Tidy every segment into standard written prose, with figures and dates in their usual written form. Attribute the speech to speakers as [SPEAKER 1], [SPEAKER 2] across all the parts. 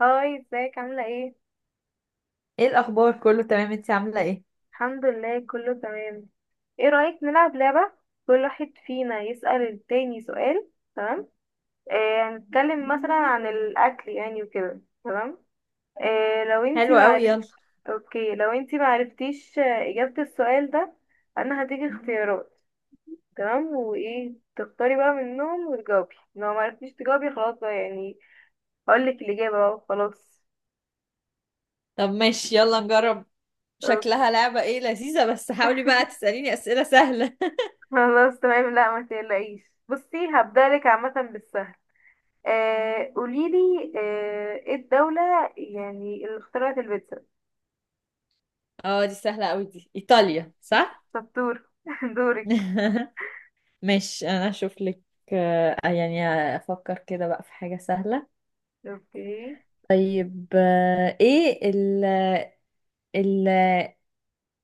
[SPEAKER 1] هاي، ازيك عاملة ايه؟
[SPEAKER 2] ايه الاخبار؟ كله تمام، انتي عامله ايه؟
[SPEAKER 1] الحمد لله كله تمام. ايه رأيك نلعب لعبة؟ كل واحد فينا يسأل التاني سؤال. تمام؟ هنتكلم مثلا عن الأكل، يعني وكده، تمام؟ لو انتي
[SPEAKER 2] حلو قوي،
[SPEAKER 1] معرفت.
[SPEAKER 2] يلا.
[SPEAKER 1] اوكي، لو انتي معرفتيش إجابة السؤال ده، أنا هديكي اختيارات. تمام، وايه تختاري بقى منهم وتجاوبي؟ لو معرفتيش تجاوبي خلاص بقى، يعني هقولك الإجابة بقى. خلاص
[SPEAKER 2] طب ماشي، يلا نجرب. شكلها لعبه ايه لذيذه، بس حاولي بقى تساليني اسئله سهله.
[SPEAKER 1] خلاص، تمام. لا ما تقلقيش بصي، هبدألك عامة بالسهل. قوليلي، ايه الدولة يعني اللي اخترعت البيتزا؟
[SPEAKER 2] اه، دي سهله قوي، دي ايطاليا، صح؟
[SPEAKER 1] شطور. دورك.
[SPEAKER 2] ماشي، انا اشوف لك. يعني افكر كده بقى في حاجه سهله.
[SPEAKER 1] اوكي،
[SPEAKER 2] طيب، آه، ايه ال ال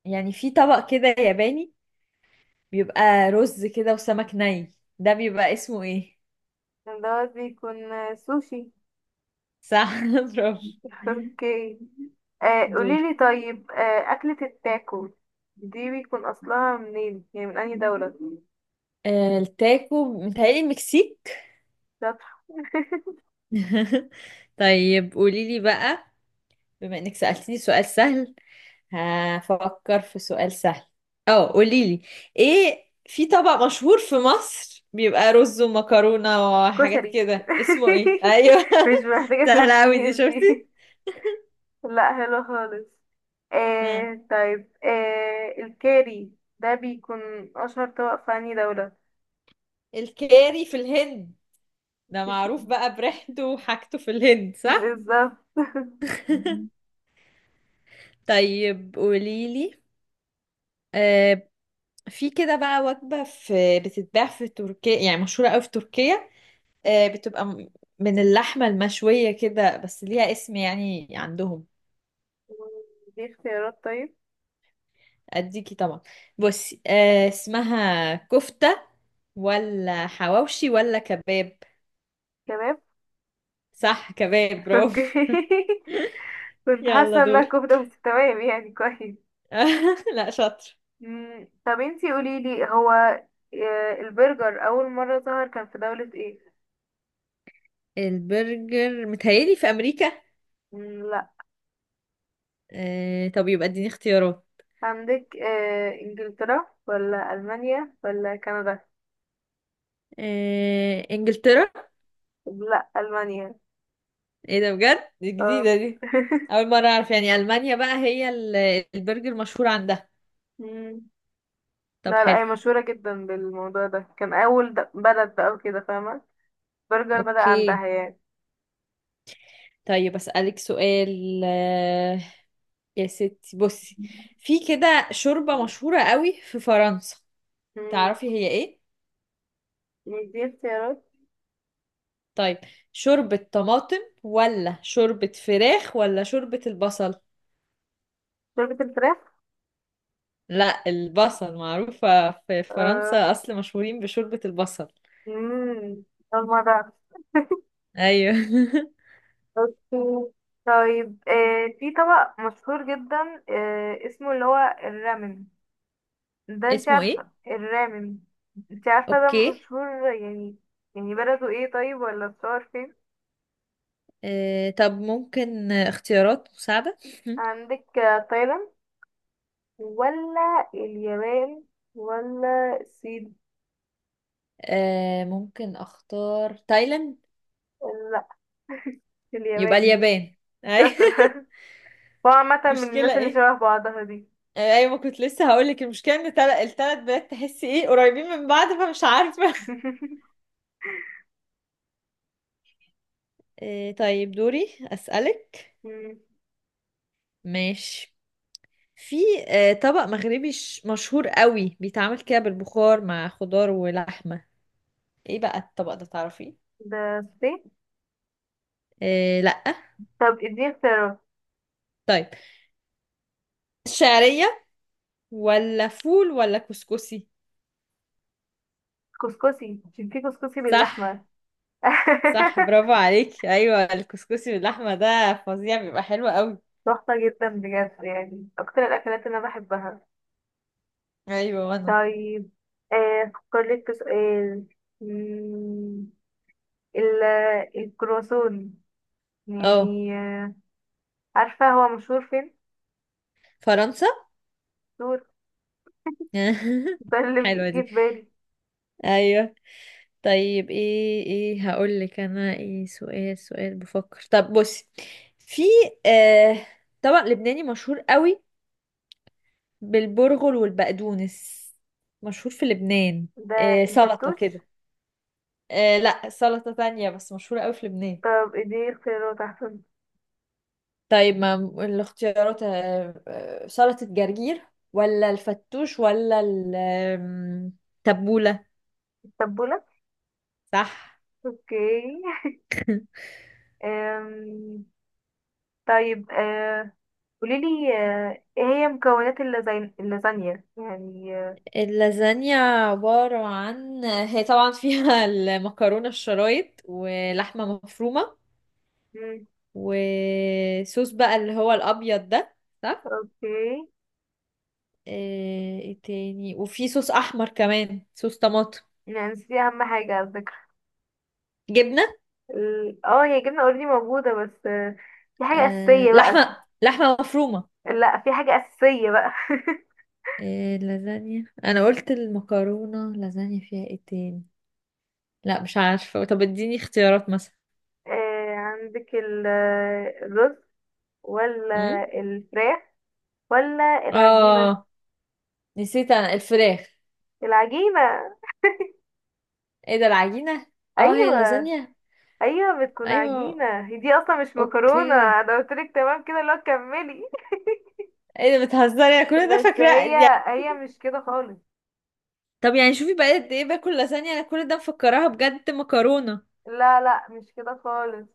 [SPEAKER 2] يعني في طبق كده ياباني، بيبقى رز كده وسمك ني، ده بيبقى اسمه ايه؟
[SPEAKER 1] دوت بيكون سوشي.
[SPEAKER 2] صح برافو.
[SPEAKER 1] اوكي.
[SPEAKER 2] دور.
[SPEAKER 1] قوليلي طيب، أكلة التاكو دي بيكون أصلها منين؟ يعني من أي دولة؟
[SPEAKER 2] التاكو متهيألي المكسيك.
[SPEAKER 1] شاطر.
[SPEAKER 2] طيب قولي لي بقى، بما انك سألتني سؤال سهل هفكر في سؤال سهل. اه، قولي لي ايه، في طبق مشهور في مصر بيبقى رز ومكرونة وحاجات
[SPEAKER 1] كشري.
[SPEAKER 2] كده، اسمه ايه؟ ايوه
[SPEAKER 1] مش محتاجة
[SPEAKER 2] سهلة اوي دي،
[SPEAKER 1] تفكير
[SPEAKER 2] شفتي؟
[SPEAKER 1] دي. لا حلو خالص.
[SPEAKER 2] ها،
[SPEAKER 1] طيب، الكاري ده بيكون أشهر طبق في أنهي دولة؟
[SPEAKER 2] الكاري في الهند، ده
[SPEAKER 1] مش-
[SPEAKER 2] معروف بقى بريحته وحاجته في الهند، صح؟
[SPEAKER 1] بالظبط.
[SPEAKER 2] طيب قولي لي، آه، في كده بقى وجبة في بتتباع في تركيا، يعني مشهورة قوي في تركيا، بتبقى من اللحمة المشوية كده، بس ليها اسم يعني عندهم.
[SPEAKER 1] دي اختيارات طيب.
[SPEAKER 2] اديكي طبعا، بصي، اسمها كفتة ولا حواوشي ولا كباب؟
[SPEAKER 1] كباب.
[SPEAKER 2] صح، كباب،
[SPEAKER 1] اوكي.
[SPEAKER 2] برافو.
[SPEAKER 1] كنت
[SPEAKER 2] يلا
[SPEAKER 1] حاسة انها
[SPEAKER 2] دور.
[SPEAKER 1] كفتة، بس تمام يعني كويس.
[SPEAKER 2] لا شاطر.
[SPEAKER 1] طب انتي قوليلي، هو البرجر أول مرة ظهر كان في دولة ايه؟
[SPEAKER 2] البرجر متهيألي في أمريكا.
[SPEAKER 1] مم، لا.
[SPEAKER 2] طب يبقى اديني اختيارات.
[SPEAKER 1] عندك إنجلترا ولا ألمانيا ولا كندا؟
[SPEAKER 2] انجلترا.
[SPEAKER 1] لا، ألمانيا.
[SPEAKER 2] ايه ده، بجد، دي
[SPEAKER 1] اه.
[SPEAKER 2] جديدة دي. اول مرة اعرف يعني المانيا بقى هي البرجر مشهور عندها.
[SPEAKER 1] مم.
[SPEAKER 2] طب
[SPEAKER 1] لا لا،
[SPEAKER 2] حلو.
[SPEAKER 1] هي مشهورة جدا بالموضوع ده، كان أول بلد بقى وكده، فاهمة؟ برجر بدأ
[SPEAKER 2] اوكي.
[SPEAKER 1] عندها يعني.
[SPEAKER 2] طيب اسألك سؤال، يا ستي بصي، في كده شوربة مشهورة قوي في فرنسا،
[SPEAKER 1] مم.
[SPEAKER 2] تعرفي هي ايه؟
[SPEAKER 1] يعني دي اختيارات.
[SPEAKER 2] طيب، شوربة طماطم ولا شوربة فراخ ولا شوربة البصل؟
[SPEAKER 1] شوربة الفراخ.
[SPEAKER 2] لا، البصل معروفة في
[SPEAKER 1] آه.
[SPEAKER 2] فرنسا، اصل مشهورين بشوربة البصل.
[SPEAKER 1] مم. أول مرة أعرف.
[SPEAKER 2] ايوه.
[SPEAKER 1] أوكي. طيب في طبق مشهور جدا اسمه اللي هو الرامن. ده انت
[SPEAKER 2] اسمه ايه؟
[SPEAKER 1] عارفة الرامن، انت عارفة ده
[SPEAKER 2] اوكي.
[SPEAKER 1] مشهور يعني؟ يعني بلده ايه طيب، ولا بتصور فين؟
[SPEAKER 2] طب ممكن اختيارات مساعدة.
[SPEAKER 1] عندك تايلاند ولا اليابان ولا الصين؟
[SPEAKER 2] ممكن اختار تايلاند.
[SPEAKER 1] لا،
[SPEAKER 2] يبقى
[SPEAKER 1] اليابان.
[SPEAKER 2] اليابان. أي
[SPEAKER 1] شاطر. هو عامة من
[SPEAKER 2] مشكلة
[SPEAKER 1] الناس اللي
[SPEAKER 2] ايه؟
[SPEAKER 1] شبه بعضها دي.
[SPEAKER 2] ايوه، ما كنت لسه هقولك، المشكلة ان التلات بلاد تحسي ايه قريبين من بعض، فمش عارفة. طيب دوري اسألك.
[SPEAKER 1] مم.
[SPEAKER 2] ماشي، في طبق مغربي مشهور قوي بيتعمل كده بالبخار مع خضار ولحمة، ايه بقى الطبق ده، تعرفيه؟
[SPEAKER 1] ده الصين.
[SPEAKER 2] لأ.
[SPEAKER 1] طب اديني اختيارات.
[SPEAKER 2] طيب، شعرية ولا فول ولا كسكسي؟
[SPEAKER 1] كسكسي، عشان في كسكسي
[SPEAKER 2] صح.
[SPEAKER 1] باللحمة.
[SPEAKER 2] صح برافو عليك، ايوه، الكسكسي باللحمه ده فظيع، بيبقى حلو قوي.
[SPEAKER 1] تحفة جدا بجد، يعني أكتر الأكلات اللي أنا بحبها.
[SPEAKER 2] ايوه وانا.
[SPEAKER 1] طيب أفكر لك في سؤال. مم، ال- الكرواسون،
[SPEAKER 2] اه
[SPEAKER 1] يعني عارفة هو مشهور فين؟
[SPEAKER 2] فرنسا.
[SPEAKER 1] ده اللي جه
[SPEAKER 2] حلوه
[SPEAKER 1] جه
[SPEAKER 2] دي.
[SPEAKER 1] في بالي.
[SPEAKER 2] ايوه. طيب، ايه هقول لك انا ايه، سؤال بفكر، طب بصي، في آه طبق لبناني مشهور قوي بالبرغل والبقدونس، مشهور في لبنان.
[SPEAKER 1] ده
[SPEAKER 2] آه، سلطة
[SPEAKER 1] الفتوش.
[SPEAKER 2] كده. آه لا، سلطة تانية بس مشهورة قوي في لبنان.
[SPEAKER 1] طب دي اختيارات احسن.
[SPEAKER 2] طيب، ما الاختيارات، سلطة جرجير ولا الفتوش ولا التبولة؟
[SPEAKER 1] التبولة.
[SPEAKER 2] صح.
[SPEAKER 1] اوكي. أم... طيب قوليلي ايه هي مكونات اللازانيا، يعني
[SPEAKER 2] اللازانيا عبارة عن، هي طبعا فيها المكرونة الشرايط ولحمة مفرومة
[SPEAKER 1] مم،
[SPEAKER 2] وصوص بقى اللي هو الأبيض ده، صح؟
[SPEAKER 1] اوكي.
[SPEAKER 2] ايه تاني، وفي صوص أحمر كمان، صوص طماطم.
[SPEAKER 1] يعني نسيتي اهم حاجة على فكرة.
[SPEAKER 2] جبنة.
[SPEAKER 1] اه هي جبنة اوريدي موجودة، بس في حاجة
[SPEAKER 2] آه،
[SPEAKER 1] اساسية بقى.
[SPEAKER 2] لحمة لحمة مفرومة.
[SPEAKER 1] لا، في حاجة اساسية بقى.
[SPEAKER 2] إيه، اللازانيا انا قلت المكرونه، اللازانيا فيها ايه تاني؟ لا مش عارفة، طب اديني اختيارات مثلا.
[SPEAKER 1] عندك الرز
[SPEAKER 2] امم
[SPEAKER 1] ولا الفراخ ولا العجينة؟
[SPEAKER 2] اه، نسيت انا الفراخ.
[SPEAKER 1] العجينة.
[SPEAKER 2] ايه ده، العجينة؟ اه، هي
[SPEAKER 1] ايوه.
[SPEAKER 2] اللازانيا؟
[SPEAKER 1] ايوه بتكون
[SPEAKER 2] ايوه.
[SPEAKER 1] عجينة، هي دي اصلا مش مكرونة،
[SPEAKER 2] اوكي.
[SPEAKER 1] انا قلتلك. تمام كده؟ لا كملي.
[SPEAKER 2] ايه ده، بتهزري؟ انا كل ده
[SPEAKER 1] بس
[SPEAKER 2] فاكرة
[SPEAKER 1] هي
[SPEAKER 2] يعني.
[SPEAKER 1] هي مش كده خالص.
[SPEAKER 2] طب يعني شوفي بقى قد ايه باكل لازانيا، انا كل ده مفكراها بجد مكرونة،
[SPEAKER 1] لا لا، مش كده خالص.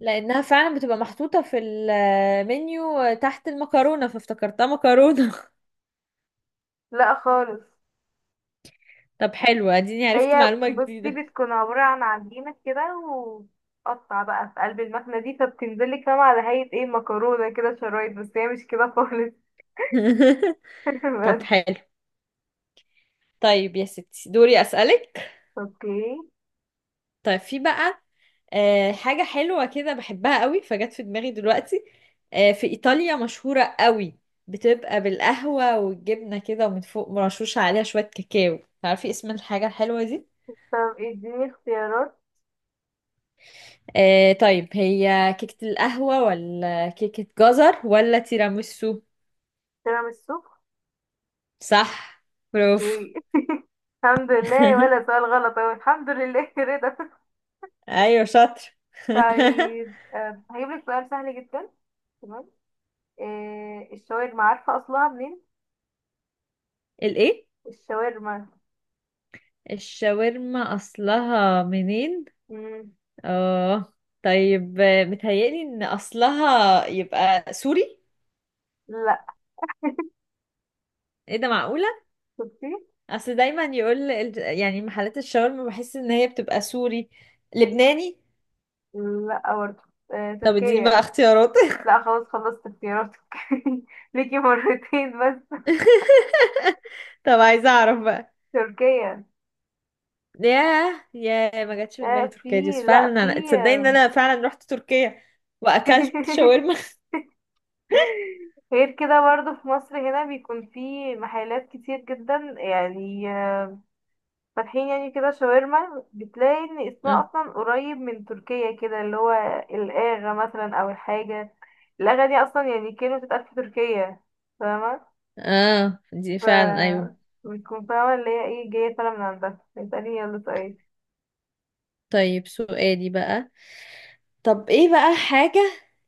[SPEAKER 2] لانها فعلا بتبقى محطوطة في المنيو تحت المكرونة، فافتكرتها مكرونة.
[SPEAKER 1] لا خالص.
[SPEAKER 2] طب حلو، اديني عرفت
[SPEAKER 1] هي
[SPEAKER 2] معلومة
[SPEAKER 1] بصي
[SPEAKER 2] جديدة.
[SPEAKER 1] بتكون عبارة عن عجينة كده، وقطع بقى في قلب المكنة دي، فبتنزلك فاهمة على هيئة ايه؟ مكرونة كده شرايط، بس هي مش كده خالص.
[SPEAKER 2] طب
[SPEAKER 1] بس.
[SPEAKER 2] حلو. طيب يا ستي دوري اسألك.
[SPEAKER 1] اوكي.
[SPEAKER 2] طيب، في بقى حاجة حلوة كده بحبها قوي، فجت في دماغي دلوقتي، في إيطاليا مشهورة قوي، بتبقى بالقهوة والجبنة كده، ومن فوق مرشوشة عليها شوية كاكاو، تعرفي اسم الحاجة الحلوة دي؟
[SPEAKER 1] طب اديني اختيارات.
[SPEAKER 2] طيب، هي كيكة القهوة ولا كيكة جزر ولا تيراميسو؟
[SPEAKER 1] تيراميسو.
[SPEAKER 2] صح، برافو.
[SPEAKER 1] اوكي. الحمد لله، ولا سؤال غلط اهو، الحمد لله، رضا.
[SPEAKER 2] أيوة شاطر.
[SPEAKER 1] طيب هجيب لك سؤال سهل جدا. تمام. إيه الشاورما، عارفة أصلها منين؟
[SPEAKER 2] الإيه؟
[SPEAKER 1] الشاورما.
[SPEAKER 2] الشاورما أصلها منين؟
[SPEAKER 1] مم.
[SPEAKER 2] اه، طيب، متهيألي ان اصلها يبقى سوري.
[SPEAKER 1] لا.
[SPEAKER 2] ايه ده، معقولة؟
[SPEAKER 1] شفتي؟
[SPEAKER 2] اصل دايما يقول يعني محلات الشاورما بحس ان هي بتبقى سوري لبناني.
[SPEAKER 1] لا برضه.
[SPEAKER 2] طب اديني بقى
[SPEAKER 1] تركيا.
[SPEAKER 2] اختيارات.
[SPEAKER 1] لا خلاص، خلصت اختياراتك. ليكي مرتين بس.
[SPEAKER 2] طب عايزة اعرف بقى.
[SPEAKER 1] تركيا.
[SPEAKER 2] ياه ياه، ما جاتش في دماغي
[SPEAKER 1] آه
[SPEAKER 2] تركيا دي،
[SPEAKER 1] في
[SPEAKER 2] بس
[SPEAKER 1] لا
[SPEAKER 2] فعلا
[SPEAKER 1] في.
[SPEAKER 2] انا تصدقي ان
[SPEAKER 1] آه،
[SPEAKER 2] انا فعلا رحت تركيا واكلت شاورما.
[SPEAKER 1] غير كده برضه في مصر هنا بيكون في محلات كتير جدا، يعني فاتحين يعني كده شاورما. بتلاقي ان اسمها
[SPEAKER 2] اه،
[SPEAKER 1] اصلا قريب من تركيا كده، اللي هو الاغا مثلا، او الحاجه الاغا دي، اصلا يعني كلمه بتتقال في تركيا. فاهمه.
[SPEAKER 2] اه، دي
[SPEAKER 1] ف
[SPEAKER 2] فعلا، ايوه.
[SPEAKER 1] بتكون فاهمه اللي هي ايه، جايه فعلا من عندها. اساليني يلا طيب.
[SPEAKER 2] طيب سؤالي بقى، طب ايه بقى حاجة،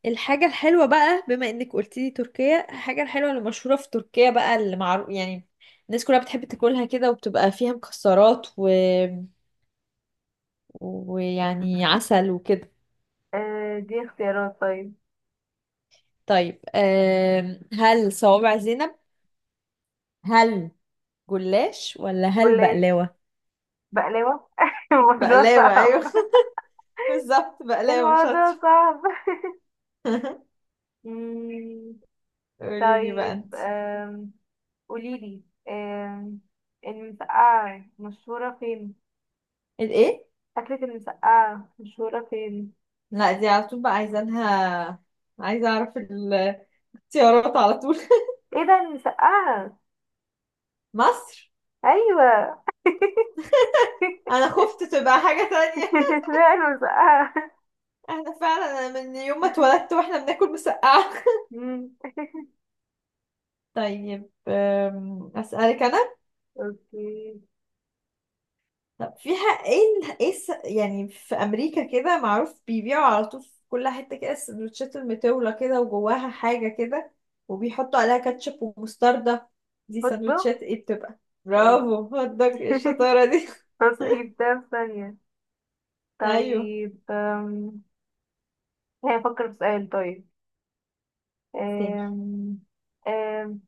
[SPEAKER 2] الحاجة الحلوة بقى، بما انك قلتيلي تركيا، الحاجة الحلوة اللي مشهورة في تركيا بقى، اللي معروف يعني الناس كلها بتحب تاكلها كده، وبتبقى فيها مكسرات و... ويعني عسل وكده.
[SPEAKER 1] دي اختيارات طيب.
[SPEAKER 2] طيب، هل صوابع زينب، هل جلاش، ولا هل
[SPEAKER 1] جلاش.
[SPEAKER 2] بقلاوة؟
[SPEAKER 1] بقلاوه. الموضوع
[SPEAKER 2] بقلاوة،
[SPEAKER 1] صعب.
[SPEAKER 2] ايوه بالظبط، بقلاوة،
[SPEAKER 1] الموضوع
[SPEAKER 2] شاطر.
[SPEAKER 1] صعب. مم،
[SPEAKER 2] قوليلي بقى انت.
[SPEAKER 1] طيب قوليلي آم، المسقعة مشهورة فين؟
[SPEAKER 2] الايه؟
[SPEAKER 1] أكلة المسقعة مشهورة فين؟
[SPEAKER 2] لا، دي على طول بقى عايزانها، عايزة اعرف الاختيارات على طول.
[SPEAKER 1] ايه ده المسقعة؟
[SPEAKER 2] مصر.
[SPEAKER 1] أيوة.
[SPEAKER 2] انا خفت تبقى حاجة تانية.
[SPEAKER 1] اسمها المسقعة.
[SPEAKER 2] احنا فعلا، أنا من يوم ما اتولدت واحنا بناكل مسقعة.
[SPEAKER 1] مم.
[SPEAKER 2] طيب، اسألك انا.
[SPEAKER 1] اوكي.
[SPEAKER 2] طب فيها ايه، يعني في امريكا كده معروف بيبيعوا على طول في كل حتة كده السندوتشات المطولة كده، وجواها حاجة كده، وبيحطوا عليها كاتشب ومستردة، دي
[SPEAKER 1] هطبخ.
[SPEAKER 2] سندوتشات ايه بتبقى؟
[SPEAKER 1] ولا.
[SPEAKER 2] برافو، هدك الشطارة دي.
[SPEAKER 1] تصحيح ده في ثانية.
[SPEAKER 2] ايوه.
[SPEAKER 1] طيب هي أفكر في سؤال طيب.
[SPEAKER 2] تاني؟
[SPEAKER 1] أم، أم،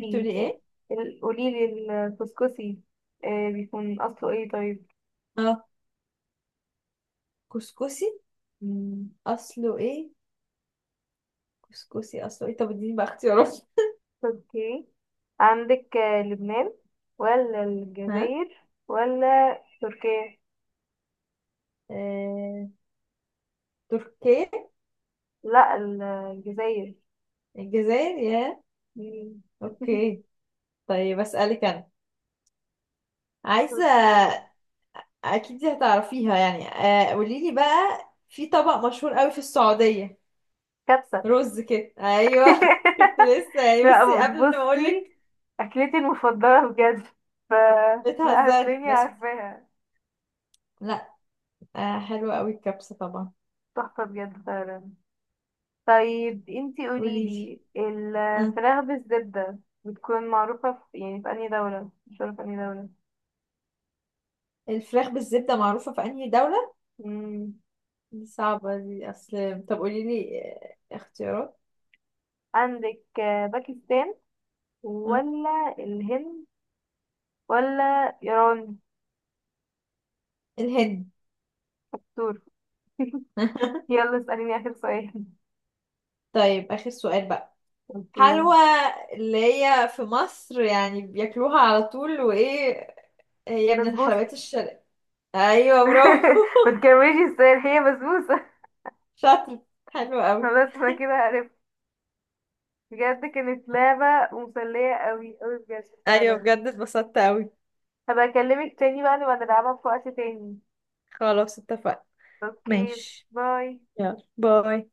[SPEAKER 2] بتقولي ايه؟
[SPEAKER 1] قوليلي الكسكسي، بيكون أصله ايه طيب؟
[SPEAKER 2] اه، كسكسي،
[SPEAKER 1] مم.
[SPEAKER 2] اصله ايه؟ كسكسي اصلا، طب اديني بقى اختيارات.
[SPEAKER 1] تركي. عندك لبنان ولا
[SPEAKER 2] ها،
[SPEAKER 1] الجزائر ولا تركيا؟
[SPEAKER 2] آه... تركيا.
[SPEAKER 1] لا الجزائر.
[SPEAKER 2] الجزائر، يا.
[SPEAKER 1] مم.
[SPEAKER 2] اوكي. طيب اسالك انا. عايزه
[SPEAKER 1] تركيا.
[SPEAKER 2] اكيد دي هتعرفيها يعني، قولي لي بقى، في طبق مشهور قوي في السعوديه.
[SPEAKER 1] كبسة.
[SPEAKER 2] رز كده، ايوه كنت لسه يعني
[SPEAKER 1] لا
[SPEAKER 2] بصي قبل ما اقول
[SPEAKER 1] بصي،
[SPEAKER 2] لك.
[SPEAKER 1] أكلتي المفضلة بجد. ف لا
[SPEAKER 2] بتهزري
[SPEAKER 1] هتلاقيني
[SPEAKER 2] بس.
[SPEAKER 1] عارفاها.
[SPEAKER 2] لا. حلوه قوي الكبسه طبعا.
[SPEAKER 1] تحفة بجد فعلا. طيب انتي
[SPEAKER 2] قولي لي،
[SPEAKER 1] قوليلي
[SPEAKER 2] آه.
[SPEAKER 1] الفراخ بالزبدة بتكون معروفة في، يعني في أنهي دولة؟ مش عارفة أنهي دولة.
[SPEAKER 2] الفراخ بالزبده معروفه في انهي دوله؟
[SPEAKER 1] مم.
[SPEAKER 2] دي صعبه دي، اصل، طب قولي لي اختيارات.
[SPEAKER 1] عندك باكستان ولا الهند ولا إيران؟
[SPEAKER 2] الهند.
[SPEAKER 1] دور. يلا اسأليني آخر سؤال.
[SPEAKER 2] طيب آخر سؤال بقى،
[SPEAKER 1] اوكي.
[SPEAKER 2] حلوى اللي هي في مصر يعني بياكلوها على طول، وإيه، هي من
[SPEAKER 1] بسبوسة.
[SPEAKER 2] الحلويات الشرقية. أيوة برافو.
[SPEAKER 1] ما تكمليش السؤال، هي بسبوسة.
[SPEAKER 2] شاطر. حلو أوي.
[SPEAKER 1] خلاص انا كده عرفت. بجد كانت لعبة مسلية قوي قوي، بجد
[SPEAKER 2] أيوة
[SPEAKER 1] فعلا.
[SPEAKER 2] بجد اتبسطت أوي.
[SPEAKER 1] هبقى اكلمك تاني بقى، نبقى نلعبها في وقت تاني.
[SPEAKER 2] خلاص اتفقنا.
[SPEAKER 1] اوكي.
[SPEAKER 2] ماشي.
[SPEAKER 1] باي.
[SPEAKER 2] يلا باي.